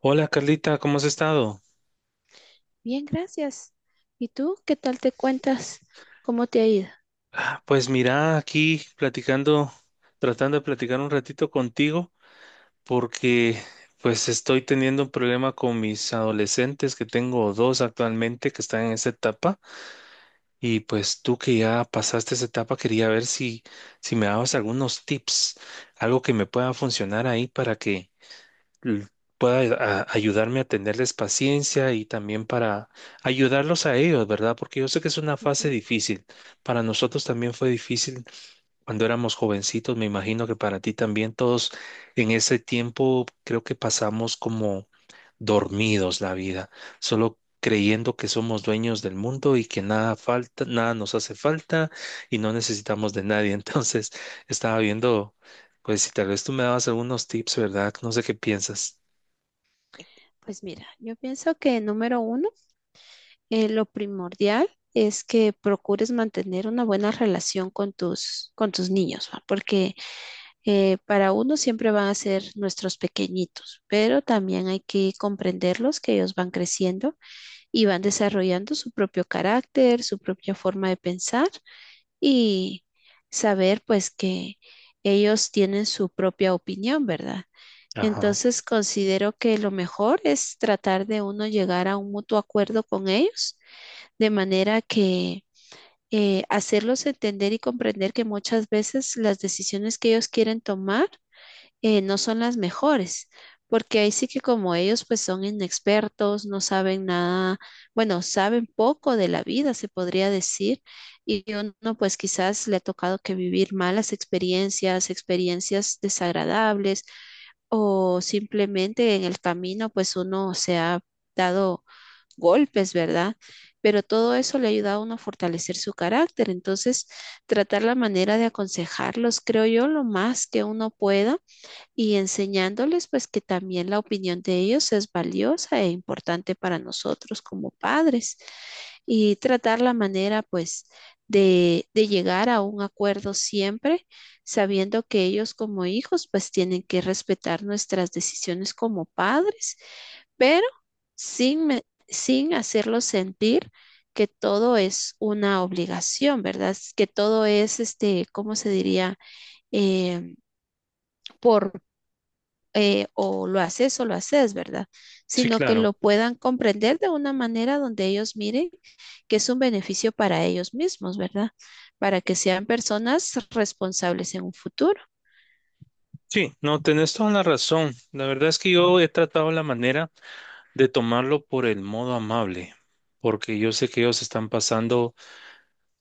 Hola Carlita, ¿cómo has estado? Bien, gracias. ¿Y tú qué tal te cuentas? ¿Cómo te ha ido? Pues mira, aquí platicando, tratando de platicar un ratito contigo porque pues estoy teniendo un problema con mis adolescentes que tengo dos actualmente que están en esa etapa y pues tú que ya pasaste esa etapa quería ver si me dabas algunos tips, algo que me pueda funcionar ahí para que l- pueda ayudarme a tenerles paciencia y también para ayudarlos a ellos, ¿verdad? Porque yo sé que es una fase Ujú. difícil. Para nosotros también fue difícil cuando éramos jovencitos, me imagino que para ti también todos en ese tiempo creo que pasamos como dormidos la vida, solo creyendo que somos dueños del mundo y que nada falta, nada nos hace falta y no necesitamos de nadie. Entonces, estaba viendo, pues si tal vez tú me dabas algunos tips, ¿verdad? No sé qué piensas. Pues mira, yo pienso que número uno, lo primordial es que procures mantener una buena relación con con tus niños, ¿va? Porque para uno siempre van a ser nuestros pequeñitos, pero también hay que comprenderlos que ellos van creciendo y van desarrollando su propio carácter, su propia forma de pensar y saber pues que ellos tienen su propia opinión, ¿verdad? Ajá, Entonces considero que lo mejor es tratar de uno llegar a un mutuo acuerdo con ellos, de manera que hacerlos entender y comprender que muchas veces las decisiones que ellos quieren tomar no son las mejores, porque ahí sí que como ellos pues son inexpertos, no saben nada, bueno, saben poco de la vida, se podría decir, y uno pues quizás le ha tocado que vivir malas experiencias, experiencias desagradables, o simplemente en el camino pues uno se ha dado golpes, ¿verdad? Pero todo eso le ayuda a uno a fortalecer su carácter. Entonces, tratar la manera de aconsejarlos, creo yo, lo más que uno pueda y enseñándoles pues que también la opinión de ellos es valiosa e importante para nosotros como padres y tratar la manera pues de llegar a un acuerdo siempre sabiendo que ellos como hijos pues tienen que respetar nuestras decisiones como padres, pero sin, me- sin hacerlos sentir que todo es una obligación, ¿verdad? Que todo es, este, ¿cómo se diría? Em, por o lo haces, ¿verdad? sí, Sino que claro. lo puedan comprender de una manera donde ellos miren que es un beneficio para ellos mismos, ¿verdad? Para que sean personas responsables en un futuro. Sí, no, tenés toda la razón. La verdad es que yo he tratado la manera de tomarlo por el modo amable, porque yo sé que ellos están pasando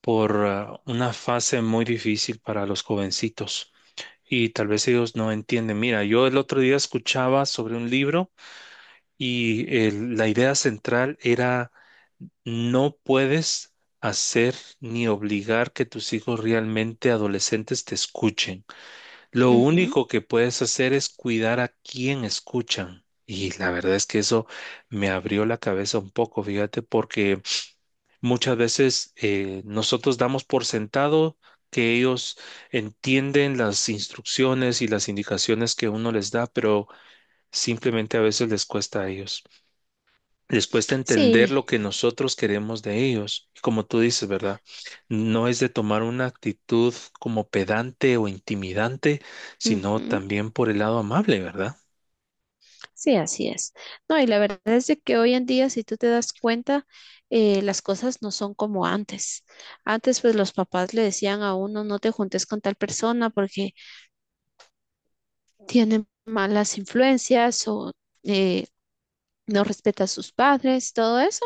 por una fase muy difícil para los jovencitos y tal vez ellos no entienden. Mira, yo el otro día escuchaba sobre un libro y la idea central era no puedes hacer ni obligar que tus hijos realmente adolescentes te escuchen. Lo Ujú. único que puedes hacer es cuidar a quién escuchan. Y la verdad es que eso me abrió la cabeza un poco, fíjate, porque muchas veces nosotros damos por sentado que ellos entienden las instrucciones y las indicaciones que uno les da, pero simplemente a veces les cuesta a ellos, les cuesta entender Sí. lo que nosotros queremos de ellos. Y como tú dices, ¿verdad? No es de tomar una actitud como pedante o intimidante, sino Ujú. también por el lado amable, ¿verdad? Sí, así es. No, y la verdad es de que hoy en día, si tú te das cuenta, las cosas no son como antes. Antes, pues los papás le decían a uno, no te juntes con tal persona porque tiene malas influencias o eh, no respeta a sus padres, todo eso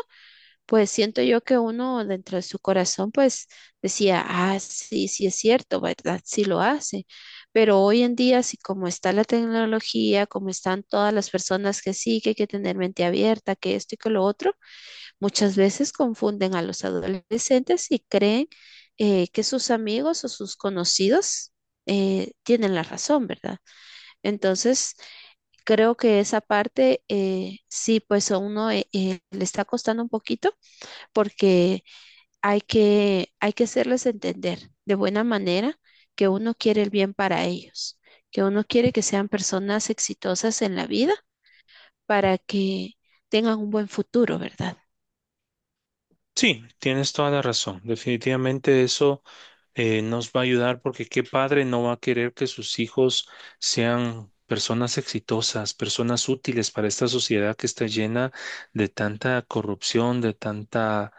pues siento yo que uno dentro de su corazón pues decía, ah, sí, sí es cierto, ¿verdad? Sí lo hace. Pero hoy en día, así como está la tecnología, como están todas las personas que sí, que hay que tener mente abierta, que esto y que lo otro, muchas veces confunden a los adolescentes y creen que sus amigos o sus conocidos tienen la razón, ¿verdad? Entonces, creo que esa parte sí, pues a uno le está costando un poquito porque hay que hacerles entender de buena manera que uno quiere el bien para ellos, que uno quiere que sean personas exitosas en la vida para que tengan un buen futuro, ¿verdad? Sí, tienes toda la razón. Definitivamente eso nos va a ayudar porque qué padre no va a querer que sus hijos sean personas exitosas, personas útiles para esta sociedad que está llena de tanta corrupción, de tanta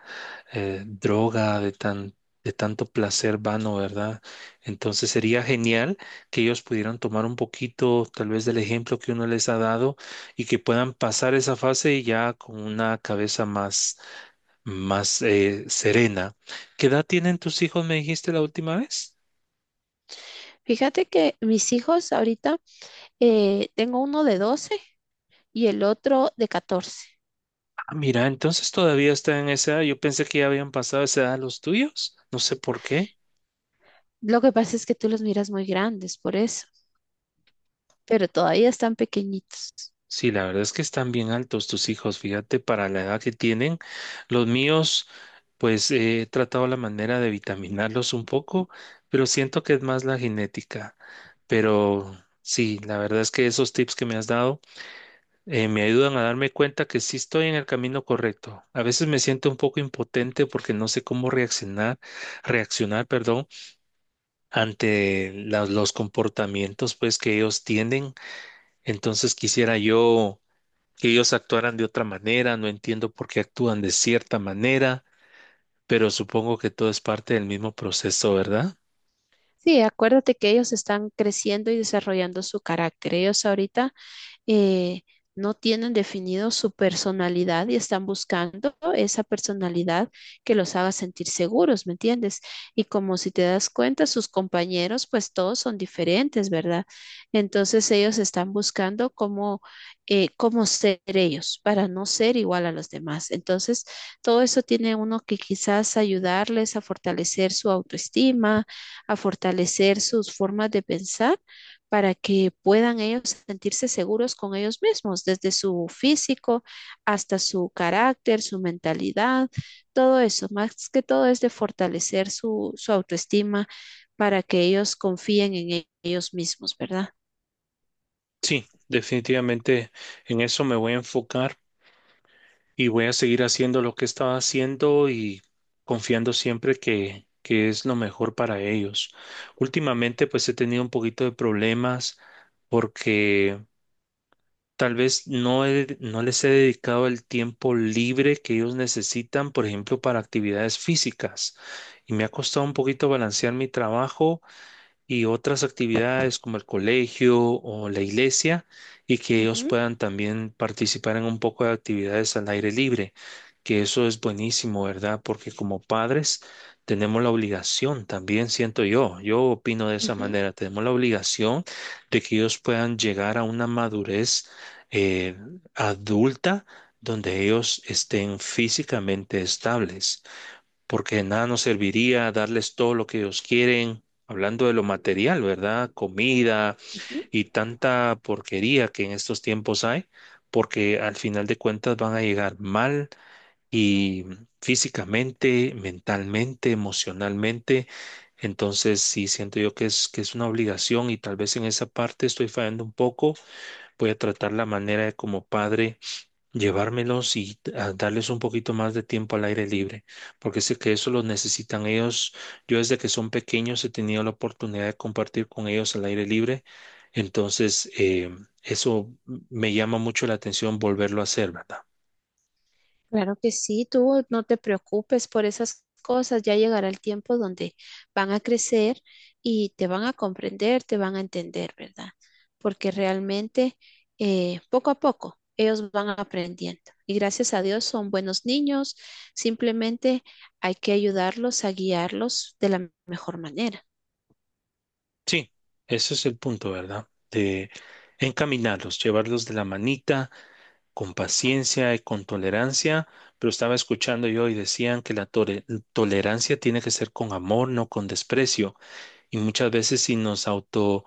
droga, de de tanto placer vano, ¿verdad? Entonces sería genial que ellos pudieran tomar un poquito, tal vez, del ejemplo que uno les ha dado y que puedan pasar esa fase ya con una cabeza más serena. ¿Qué edad tienen tus hijos, me dijiste la última vez? Fíjate que mis hijos ahorita, tengo uno de 12 y el otro de 14. Ah, mira, entonces todavía están en esa edad. Yo pensé que ya habían pasado esa edad los tuyos. No sé por qué. Lo que pasa es que tú los miras muy grandes, por eso, pero todavía están pequeñitos. Sí, la verdad es que están bien altos tus hijos, fíjate, para la edad que tienen. Los míos, pues he tratado la manera de vitaminarlos un poco, pero siento que es más la genética. Pero sí, la verdad es que esos tips que me has dado me ayudan a darme cuenta que sí estoy en el camino correcto. A veces me siento un poco impotente porque no sé cómo reaccionar, perdón, ante los comportamientos pues que ellos tienen. Entonces quisiera yo que ellos actuaran de otra manera, no entiendo por qué actúan de cierta manera, pero supongo que todo es parte del mismo proceso, ¿verdad? Sí, acuérdate que ellos están creciendo y desarrollando su carácter. Ellos ahorita eh, no tienen definido su personalidad y están buscando esa personalidad que los haga sentir seguros, ¿me entiendes? Y como si te das cuenta, sus compañeros, pues todos son diferentes, ¿verdad? Entonces ellos están buscando cómo, cómo ser ellos para no ser igual a los demás. Entonces, todo eso tiene uno que quizás ayudarles a fortalecer su autoestima, a fortalecer sus formas de pensar para que puedan ellos sentirse seguros con ellos mismos, desde su físico hasta su carácter, su mentalidad, todo eso. Más que todo es de fortalecer su autoestima para que ellos confíen en ellos mismos, ¿verdad? Sí, definitivamente en eso me voy a enfocar. Y voy a seguir haciendo lo que estaba haciendo y confiando siempre que es lo mejor para ellos. Últimamente, pues he tenido un poquito de problemas porque tal vez no les he dedicado el tiempo libre que ellos necesitan, por ejemplo, para actividades físicas. Y me ha costado un poquito balancear mi trabajo y otras actividades como el colegio o la iglesia y que ellos Ujú. puedan también participar en un poco de actividades al aire libre, que eso es buenísimo, ¿verdad? Porque como padres tenemos la obligación, también siento yo, yo opino de esa Ujú. manera, tenemos la obligación de que ellos puedan llegar a una madurez eh, adulta donde ellos estén físicamente estables porque de nada nos serviría darles todo lo que ellos quieren, hablando de lo material, ¿verdad? Comida Ujú. y tanta porquería que en estos tiempos hay, porque al final de cuentas van a llegar mal y físicamente, mentalmente, emocionalmente. Entonces, sí, siento yo que es una obligación y tal vez en esa parte estoy fallando un poco. Voy a tratar la manera de como padre llevármelos y a darles un poquito más de tiempo al aire libre, porque sé que eso lo necesitan ellos. Yo desde que son pequeños he tenido la oportunidad de compartir con ellos al aire libre, entonces eso me llama mucho la atención volverlo a hacer, ¿verdad? Claro que sí, tú no te preocupes por esas cosas, ya llegará el tiempo donde van a crecer y te van a comprender, te van a entender, ¿verdad? Porque realmente poco a poco ellos van aprendiendo y gracias a Dios son buenos niños, simplemente hay que ayudarlos a guiarlos de la mejor manera. Sí, ese es el punto, ¿verdad? De encaminarlos, llevarlos de la manita, con paciencia y con tolerancia. Pero estaba escuchando yo y decían que la tolerancia tiene que ser con amor, no con desprecio. Y muchas veces si nos autoestudiamos,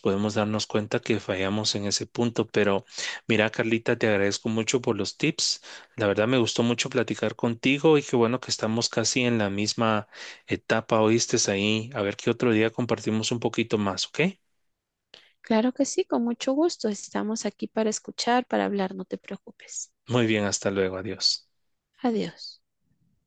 podemos darnos cuenta que fallamos en ese punto. Pero mira, Carlita, te agradezco mucho por los tips. La verdad me gustó mucho platicar contigo y qué bueno que estamos casi en la misma etapa, oíste ahí. A ver qué otro día compartimos un poquito más, ¿ok? Claro que sí, con mucho gusto. Estamos aquí para escuchar, para hablar, no te preocupes. Muy bien, hasta luego, adiós. Adiós.